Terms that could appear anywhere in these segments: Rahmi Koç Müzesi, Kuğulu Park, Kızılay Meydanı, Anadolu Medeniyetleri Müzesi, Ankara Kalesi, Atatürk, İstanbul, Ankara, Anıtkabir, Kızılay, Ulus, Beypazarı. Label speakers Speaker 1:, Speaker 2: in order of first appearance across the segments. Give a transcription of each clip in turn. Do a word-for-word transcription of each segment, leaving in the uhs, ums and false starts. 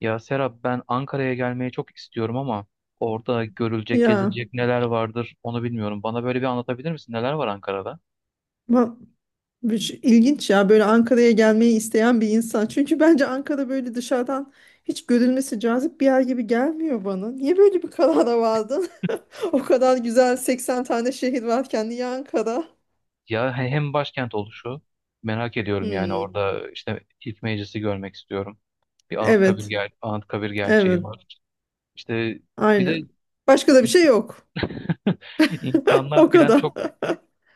Speaker 1: Ya Serap ben Ankara'ya gelmeyi çok istiyorum ama orada görülecek,
Speaker 2: Ya
Speaker 1: gezilecek neler vardır onu bilmiyorum. Bana böyle bir anlatabilir misin? Neler var Ankara'da?
Speaker 2: va- bir şey- ilginç ya böyle Ankara'ya gelmeyi isteyen bir insan. Çünkü bence Ankara böyle dışarıdan hiç görülmesi cazip bir yer gibi gelmiyor bana. Niye böyle bir karara vardın? O kadar güzel seksen tane şehir varken niye Ankara?
Speaker 1: Ya he- hem başkent oluşu merak ediyorum yani
Speaker 2: Hmm,
Speaker 1: orada işte ilk meclisi görmek istiyorum. Bir Anıtkabir,
Speaker 2: evet,
Speaker 1: ger Anıtkabir gerçeği
Speaker 2: evet,
Speaker 1: var. İşte bir de
Speaker 2: aynen. Başka da bir şey yok.
Speaker 1: insanlar
Speaker 2: O
Speaker 1: filan
Speaker 2: kadar.
Speaker 1: çok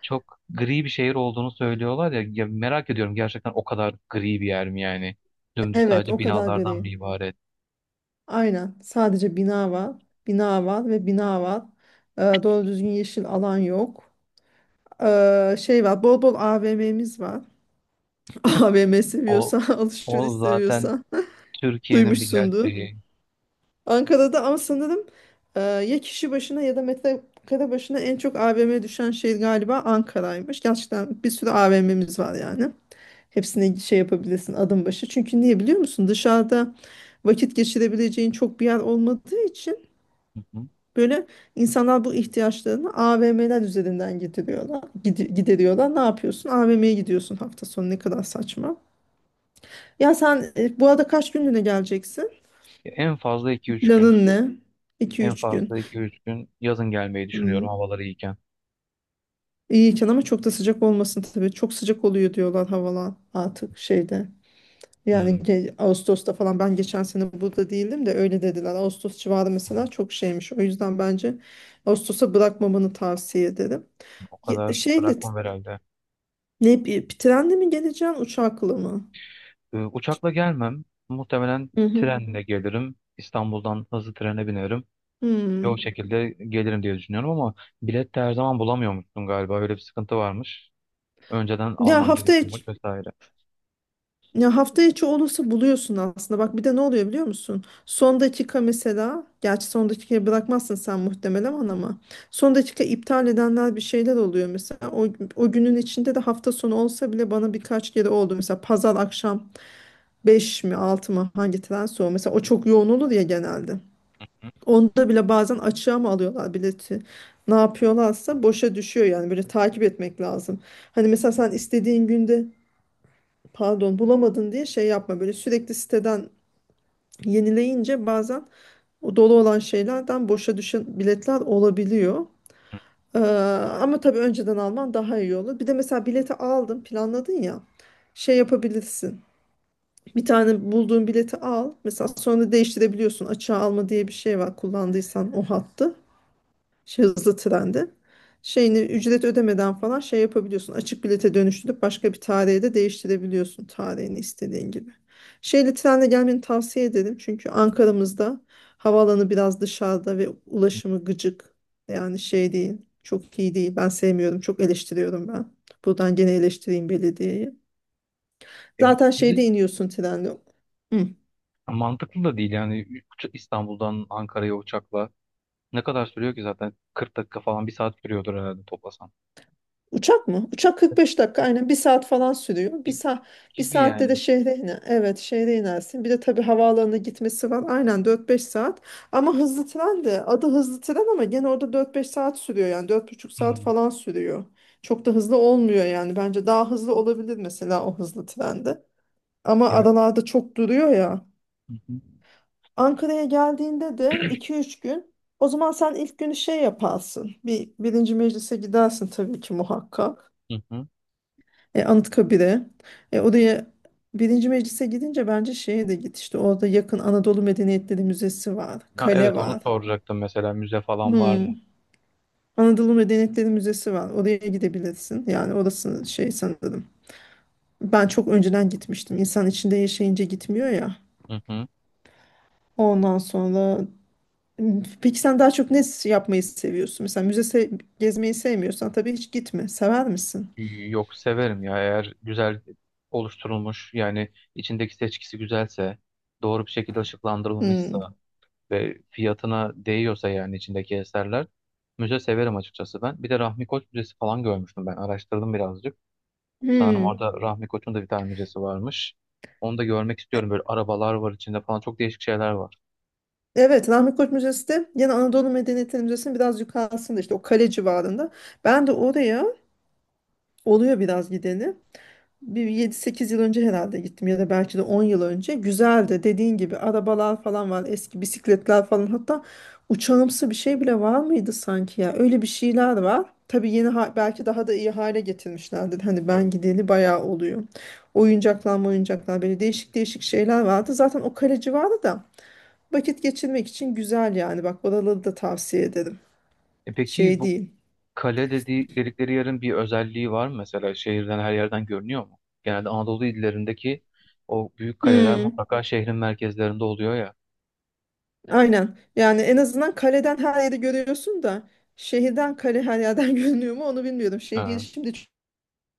Speaker 1: çok gri bir şehir olduğunu söylüyorlar ya, ya merak ediyorum gerçekten o kadar gri bir yer mi yani? Dümdüz
Speaker 2: Evet,
Speaker 1: sadece
Speaker 2: o kadar
Speaker 1: binalardan
Speaker 2: gri.
Speaker 1: mı ibaret.
Speaker 2: Aynen. Sadece bina var. Bina var ve bina var. Ee, doğru düzgün yeşil alan yok. Ee, şey var, bol bol A V M'miz var. A V M
Speaker 1: O
Speaker 2: seviyorsan alışveriş
Speaker 1: o zaten
Speaker 2: seviyorsan
Speaker 1: Türkiye'nin bir
Speaker 2: duymuşsundur.
Speaker 1: gerçeği.
Speaker 2: Ankara'da ama sanırım e, ya kişi başına ya da metrekare başına en çok A V M düşen şehir galiba Ankara'ymış. Gerçekten bir sürü A V M'miz var yani. Hepsini şey yapabilirsin, adım başı. Çünkü niye biliyor musun? Dışarıda vakit geçirebileceğin çok bir yer olmadığı için
Speaker 1: Hı hı.
Speaker 2: böyle insanlar bu ihtiyaçlarını A V M'ler üzerinden gideriyorlar. gidi- gideriyorlar. Ne yapıyorsun? A V M'ye gidiyorsun hafta sonu. Ne kadar saçma. Ya sen, e, bu arada kaç günlüğüne geleceksin?
Speaker 1: Ya en fazla iki üç gün.
Speaker 2: Planın ne? iki
Speaker 1: En
Speaker 2: üç gün.
Speaker 1: fazla iki üç gün yazın gelmeyi
Speaker 2: Hmm.
Speaker 1: düşünüyorum, havaları iyiken.
Speaker 2: İyiyken ama çok da sıcak olmasın tabii. Çok sıcak oluyor diyorlar havalar artık şeyde. Yani
Speaker 1: Hmm,
Speaker 2: ge- Ağustos'ta falan, ben geçen sene burada değildim de öyle dediler. Ağustos civarı mesela çok şeymiş. O yüzden bence Ağustos'a bırakmamanı tavsiye ederim.
Speaker 1: o
Speaker 2: Ye-
Speaker 1: kadar
Speaker 2: Şeyle,
Speaker 1: bırakmam herhalde.
Speaker 2: ne, bir trenle mi geleceksin, uçakla mı?
Speaker 1: Ee, uçakla gelmem. Muhtemelen
Speaker 2: Hı hı.
Speaker 1: trenle gelirim. İstanbul'dan hızlı trene binerim. Ve o
Speaker 2: Hmm.
Speaker 1: şekilde gelirim diye düşünüyorum ama bilet de her zaman bulamıyormuşsun galiba. Öyle bir sıkıntı varmış. Önceden
Speaker 2: Ya
Speaker 1: alman
Speaker 2: hafta içi,
Speaker 1: gerekiyormuş vesaire.
Speaker 2: ya hafta içi olursa buluyorsun aslında. Bak, bir de ne oluyor biliyor musun? Son dakika mesela, gerçi son dakikaya bırakmazsın sen muhtemelen, ama son dakika iptal edenler bir şeyler oluyor mesela. O, o günün içinde de hafta sonu olsa bile, bana birkaç kere oldu. Mesela pazar akşam beş mi altı mı, hangi trense o. Mesela o çok yoğun olur ya genelde.
Speaker 1: Hı
Speaker 2: Onda bile bazen açığa mı alıyorlar bileti? Ne yapıyorlarsa boşa düşüyor, yani böyle takip etmek lazım. Hani mesela sen istediğin günde, pardon, bulamadın diye şey yapma, böyle sürekli siteden yenileyince bazen o dolu olan şeylerden boşa düşen biletler olabiliyor. Ee, Ama tabii önceden alman daha iyi olur. Bir de mesela bileti aldın, planladın ya, şey yapabilirsin. Bir tane bulduğun bileti al. Mesela sonra değiştirebiliyorsun. Açığa alma diye bir şey var, kullandıysan o hattı. Şey, hızlı trende şeyini ücret ödemeden falan şey yapabiliyorsun. Açık bilete dönüştürüp başka bir tarihe de değiştirebiliyorsun, tarihini istediğin gibi. Şeyli trenle gelmeni tavsiye ederim. Çünkü Ankara'mızda havaalanı biraz dışarıda ve
Speaker 1: hı.
Speaker 2: ulaşımı gıcık. Yani şey değil. Çok iyi değil. Ben sevmiyorum. Çok eleştiriyorum ben. Buradan gene eleştireyim belediyeyi.
Speaker 1: E, bir,
Speaker 2: Zaten
Speaker 1: bir de
Speaker 2: şeyde iniyorsun trenle. Hı.
Speaker 1: mantıklı da değil yani. Uça- İstanbul'dan Ankara'ya uçakla ne kadar sürüyor ki zaten? kırk dakika falan, bir saat sürüyordur herhalde toplasan.
Speaker 2: Uçak mı? Uçak kırk beş dakika, aynen bir saat falan sürüyor. Bir
Speaker 1: Gibi,
Speaker 2: saat, bir
Speaker 1: gibi
Speaker 2: saatte de
Speaker 1: yani.
Speaker 2: şehre iner. Evet, şehre inersin. Bir de tabii havaalanına gitmesi var. Aynen, dört beş saat. Ama hızlı tren de, adı hızlı tren ama gene orada dört beş saat sürüyor, yani dört buçuk saat
Speaker 1: Hmm.
Speaker 2: falan sürüyor. Çok da hızlı olmuyor yani. Bence daha hızlı olabilir mesela o hızlı trende. Ama
Speaker 1: Evet.
Speaker 2: aralarda çok duruyor ya.
Speaker 1: Hı hı.
Speaker 2: Ankara'ya geldiğinde de iki üç gün, o zaman sen ilk günü şey yaparsın. Bir, birinci meclise gidersin tabii ki, muhakkak.
Speaker 1: Hı hı.
Speaker 2: E, Anıtkabir'e. E, oraya, birinci meclise gidince bence şeye de git, işte orada yakın Anadolu Medeniyetleri Müzesi var.
Speaker 1: Ha,
Speaker 2: Kale
Speaker 1: evet, onu
Speaker 2: var.
Speaker 1: soracaktım mesela, müze falan var mı?
Speaker 2: Hmm. Anadolu Medeniyetleri Müzesi var. Oraya gidebilirsin. Yani orası şey sanırım. Ben çok önceden gitmiştim. İnsan içinde yaşayınca gitmiyor ya.
Speaker 1: Hı hı.
Speaker 2: Ondan sonra, peki sen daha çok ne yapmayı seviyorsun? Mesela müze se- gezmeyi sevmiyorsan tabii hiç gitme. Sever misin?
Speaker 1: Yok, severim ya, eğer güzel oluşturulmuş, yani içindeki seçkisi güzelse, doğru bir şekilde ışıklandırılmışsa
Speaker 2: Hmm.
Speaker 1: ve fiyatına değiyorsa, yani içindeki eserler, müze severim açıkçası ben. Bir de Rahmi Koç Müzesi falan görmüştüm, ben araştırdım birazcık. Sanırım
Speaker 2: Hmm.
Speaker 1: orada Rahmi Koç'un da bir tane müzesi varmış. Onu da görmek istiyorum. Böyle arabalar var içinde falan. Çok değişik şeyler var.
Speaker 2: Evet, Rahmi Koç Müzesi de yine Anadolu Medeniyetleri Müzesi'nin biraz yukarısında, işte o kale civarında. Ben de oraya oluyor biraz gideni. Bir yedi sekiz yıl önce herhalde gittim, ya da belki de on yıl önce. Güzeldi, dediğin gibi arabalar falan var, eski bisikletler falan, hatta uçağımsı bir şey bile var mıydı sanki, ya öyle bir şeyler var. Tabii yeni ha- belki daha da iyi hale getirmişlerdir. Hani
Speaker 1: Evet.
Speaker 2: ben gideli bayağı oluyor. Oyuncaklar, oyuncaklar, böyle değişik değişik şeyler vardı. Zaten o kale civarı da vakit geçirmek için güzel yani. Bak, oraları da tavsiye ederim.
Speaker 1: E peki
Speaker 2: Şey
Speaker 1: bu
Speaker 2: değil.
Speaker 1: kale dediği, dedikleri yerin bir özelliği var mı? Mesela şehirden, her yerden görünüyor mu? Genelde Anadolu illerindeki o büyük kaleler
Speaker 2: Hmm.
Speaker 1: mutlaka şehrin merkezlerinde oluyor ya.
Speaker 2: Aynen. Yani en azından kaleden her yeri görüyorsun da, şehirden kale her yerden görünüyor mu onu bilmiyorum. Şehir
Speaker 1: Ha.
Speaker 2: şimdi ç-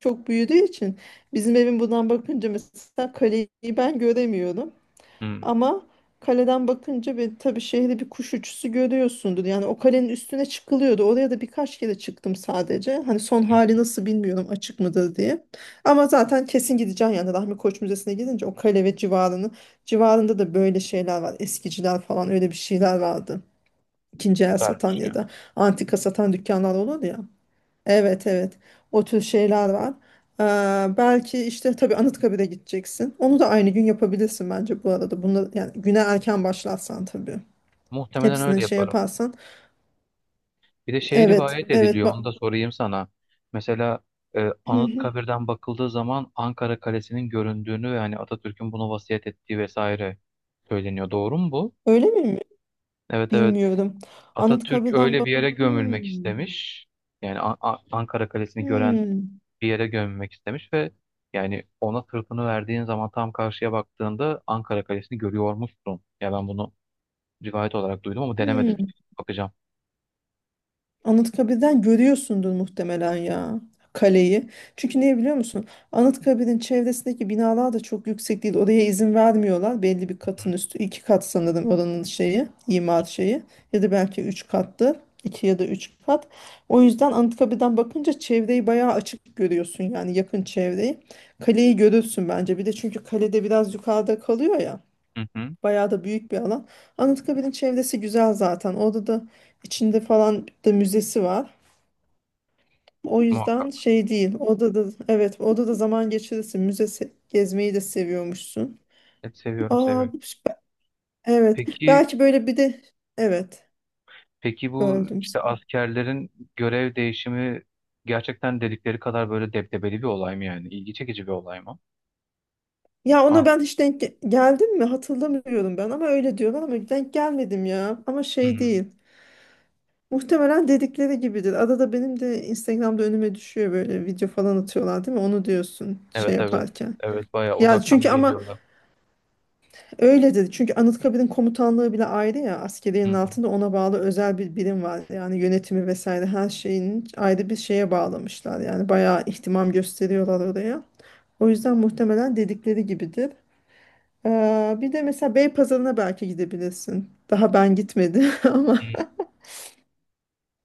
Speaker 2: çok büyüdüğü için bizim evin buradan bakınca mesela kaleyi ben göremiyorum.
Speaker 1: Hmm.
Speaker 2: Ama kaleden bakınca bir, tabii şehri bir kuş uçuşu görüyorsundur. Yani o kalenin üstüne çıkılıyordu. Oraya da birkaç kere çıktım sadece. Hani son hali nasıl bilmiyorum, açık mıdır diye. Ama zaten kesin gideceğim yani, Rahmi Koç Müzesi'ne gidince o kale ve civarını, civarında da böyle şeyler var. Eskiciler falan, öyle bir şeyler vardı. İkinci el satan
Speaker 1: Vermiş
Speaker 2: ya
Speaker 1: ya.
Speaker 2: da antika satan dükkanlar olur ya. Evet, evet, o tür şeyler var. Ee, belki işte, tabii Anıtkabir'e gideceksin. Onu da aynı gün yapabilirsin bence bu arada. Bunu, yani güne erken başlarsan tabii.
Speaker 1: Muhtemelen öyle
Speaker 2: Hepsini şey
Speaker 1: yaparım.
Speaker 2: yaparsan.
Speaker 1: Bir de şey
Speaker 2: Evet,
Speaker 1: rivayet
Speaker 2: evet,
Speaker 1: ediliyor, onu
Speaker 2: bak.
Speaker 1: da sorayım sana. Mesela e,
Speaker 2: Hı hı.
Speaker 1: Anıtkabir'den bakıldığı zaman Ankara Kalesi'nin göründüğünü ve hani Atatürk'ün bunu vasiyet ettiği vesaire söyleniyor. Doğru mu bu?
Speaker 2: Öyle mi?
Speaker 1: Evet, evet.
Speaker 2: Bilmiyorum.
Speaker 1: Atatürk
Speaker 2: Anıtkabir'den
Speaker 1: öyle
Speaker 2: bak.
Speaker 1: bir yere gömülmek
Speaker 2: Hmm,
Speaker 1: istemiş. Yani A- A- Ankara Kalesi'ni gören
Speaker 2: hmm,
Speaker 1: bir yere gömülmek istemiş ve yani ona sırtını verdiğin zaman tam karşıya baktığında Ankara Kalesi'ni görüyormuşsun. Ya ben bunu rivayet olarak duydum ama denemedim.
Speaker 2: hmm.
Speaker 1: Bakacağım.
Speaker 2: Anıtkabir'den görüyorsundur muhtemelen ya, kaleyi. Çünkü niye biliyor musun? Anıtkabir'in çevresindeki binalar da çok yüksek değil. Oraya izin vermiyorlar. Belli bir katın üstü. İki kat sanırım oranın şeyi, imar şeyi. Ya da belki üç kattı. İki ya da üç kat. O yüzden Anıtkabir'den bakınca çevreyi bayağı açık görüyorsun, yani yakın çevreyi. Kaleyi görürsün bence. Bir de çünkü kalede biraz yukarıda kalıyor ya.
Speaker 1: Hı hı.
Speaker 2: Bayağı da büyük bir alan. Anıtkabir'in çevresi güzel zaten. Orada da içinde falan da müzesi var. O yüzden
Speaker 1: Muhakkak.
Speaker 2: şey değil. Orada da, evet, orada da zaman geçirirsin. Müzesi gezmeyi de seviyormuşsun.
Speaker 1: Evet, seviyorum,
Speaker 2: Aa,
Speaker 1: seviyorum.
Speaker 2: süper. Evet.
Speaker 1: Peki
Speaker 2: Belki böyle bir de evet,
Speaker 1: Peki bu
Speaker 2: böldüm
Speaker 1: işte
Speaker 2: seni.
Speaker 1: askerlerin görev değişimi gerçekten dedikleri kadar böyle debdebeli bir olay mı yani? İlgi çekici bir olay mı?
Speaker 2: Ya ona
Speaker 1: Ah,
Speaker 2: ben hiç denk ge- geldim mi hatırlamıyorum ben, ama öyle diyorlar, ama denk gelmedim ya. Ama
Speaker 1: hı
Speaker 2: şey
Speaker 1: hı.
Speaker 2: değil. Muhtemelen dedikleri gibidir. Arada benim de Instagram'da önüme düşüyor böyle, video falan atıyorlar değil mi? Onu diyorsun
Speaker 1: Evet,
Speaker 2: şey
Speaker 1: evet.
Speaker 2: yaparken.
Speaker 1: Evet, bayağı
Speaker 2: Ya
Speaker 1: uzaktan
Speaker 2: çünkü ama
Speaker 1: geliyorlar.
Speaker 2: öyle dedi. Çünkü Anıtkabir'in komutanlığı bile ayrı ya,
Speaker 1: Hı
Speaker 2: askeriyenin
Speaker 1: hı.
Speaker 2: altında ona bağlı özel bir birim var. Yani yönetimi vesaire her şeyin ayrı bir şeye bağlamışlar. Yani bayağı ihtimam gösteriyorlar oraya. O yüzden muhtemelen dedikleri gibidir. Ee, bir de mesela Beypazarı'na belki gidebilirsin. Daha ben gitmedim
Speaker 1: Hı.
Speaker 2: ama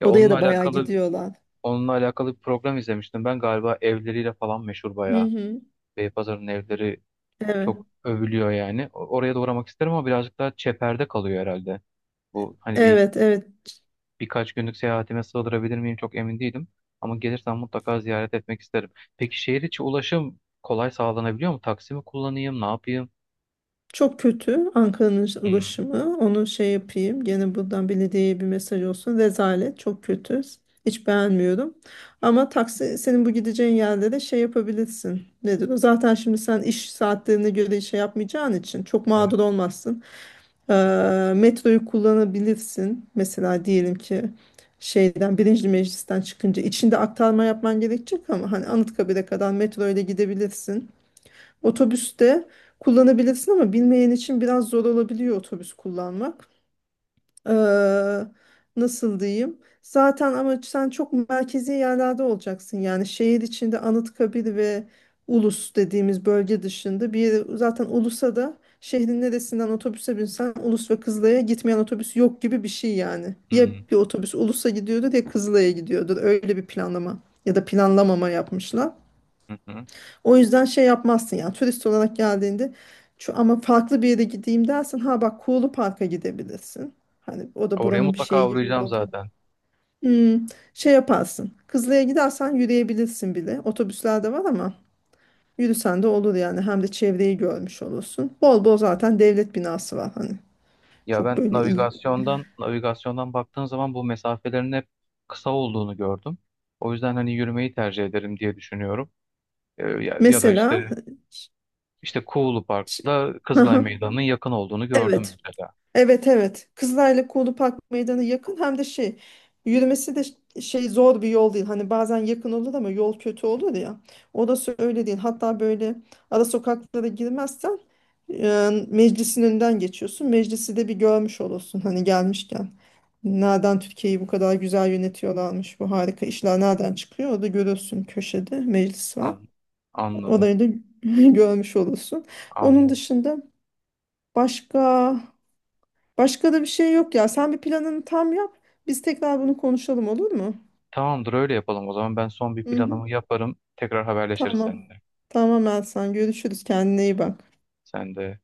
Speaker 1: Ya
Speaker 2: oraya
Speaker 1: onunla
Speaker 2: da bayağı
Speaker 1: alakalı
Speaker 2: gidiyorlar.
Speaker 1: onunla alakalı bir program izlemiştim. Ben galiba evleriyle falan meşhur
Speaker 2: Hı
Speaker 1: bayağı.
Speaker 2: hı.
Speaker 1: Beypazarı'nın evleri
Speaker 2: Evet.
Speaker 1: çok övülüyor yani. O- Oraya da uğramak isterim ama birazcık daha çeperde kalıyor herhalde. Bu hani bir
Speaker 2: Evet, evet.
Speaker 1: birkaç günlük seyahatime sığdırabilir miyim çok emin değilim. Ama gelirsem mutlaka ziyaret etmek isterim. Peki şehir içi ulaşım kolay sağlanabiliyor mu? Taksi mi kullanayım, ne yapayım?
Speaker 2: Çok kötü Ankara'nın
Speaker 1: Hmm,
Speaker 2: ulaşımı. Onu şey yapayım. Gene buradan belediyeye bir mesaj olsun. Rezalet. Çok kötü. Hiç beğenmiyorum. Ama taksi, senin bu gideceğin yerde de şey yapabilirsin. Nedir o? Zaten şimdi sen iş saatlerine göre şey yapmayacağın için çok
Speaker 1: evet.
Speaker 2: mağdur olmazsın. Ee, metroyu kullanabilirsin. Mesela diyelim ki şeyden, birinci meclisten çıkınca içinde aktarma yapman gerekecek ama hani Anıtkabir'e kadar metro ile gidebilirsin. Otobüste kullanabilirsin ama bilmeyen için biraz zor olabiliyor otobüs kullanmak. Ee, Nasıl diyeyim? Zaten ama sen çok merkezi yerlerde olacaksın. Yani şehir içinde Anıtkabir ve Ulus dediğimiz bölge dışında bir yere, zaten Ulus'a da, şehrin neresinden otobüse binsen Ulus ve Kızılay'a gitmeyen otobüs yok gibi bir şey yani. Ya
Speaker 1: Hmm,
Speaker 2: bir otobüs Ulus'a gidiyordur ya Kızılay'a gidiyordur. Öyle bir planlama ya da planlamama yapmışlar.
Speaker 1: hı hı.
Speaker 2: O yüzden şey yapmazsın yani turist olarak geldiğinde, şu ama farklı bir yere gideyim dersin. Ha bak, Kuğulu Park'a gidebilirsin. Hani o da
Speaker 1: Oraya
Speaker 2: buranın bir
Speaker 1: mutlaka
Speaker 2: şeyi gibi
Speaker 1: uğrayacağım
Speaker 2: oldu.
Speaker 1: zaten.
Speaker 2: Hmm, şey yaparsın. Kızılay'a gidersen yürüyebilirsin bile. Otobüsler de var ama yürüsen de olur yani. Hem de çevreyi görmüş olursun. Bol bol zaten devlet binası var hani.
Speaker 1: Ya
Speaker 2: Çok
Speaker 1: ben
Speaker 2: böyle iyi.
Speaker 1: navigasyondan navigasyondan baktığım zaman bu mesafelerin hep kısa olduğunu gördüm. O yüzden hani yürümeyi tercih ederim diye düşünüyorum. Ee, ya, ya da
Speaker 2: Mesela
Speaker 1: işte
Speaker 2: ç-
Speaker 1: işte Kuğulu
Speaker 2: ç-
Speaker 1: Park'la Kızılay Meydanı'nın yakın olduğunu gördüm
Speaker 2: evet,
Speaker 1: mesela.
Speaker 2: evet, evet. Kızılay'la Kuğulu Park Meydanı yakın, hem de şey, yürümesi de ş- şey zor bir yol değil. Hani bazen yakın olur ama yol kötü olur ya. Orası öyle değil. Hatta böyle ara sokaklara girmezsen, e, meclisin önünden geçiyorsun. Meclisi de bir görmüş olursun hani gelmişken. Nereden Türkiye'yi bu kadar güzel yönetiyorlarmış. Bu harika işler nereden çıkıyor? Orada görürsün, köşede meclis var.
Speaker 1: An- anladım.
Speaker 2: Orayı da görmüş olursun. Onun
Speaker 1: Anladım.
Speaker 2: dışında başka, başka da bir şey yok ya. Sen bir planını tam yap. Biz tekrar bunu konuşalım, olur mu?
Speaker 1: Tamamdır, öyle yapalım o zaman. Ben son bir
Speaker 2: Hı hı.
Speaker 1: planımı yaparım. Tekrar haberleşiriz
Speaker 2: Tamam.
Speaker 1: seninle.
Speaker 2: Tamam Elsan. Görüşürüz. Kendine iyi bak.
Speaker 1: Sen de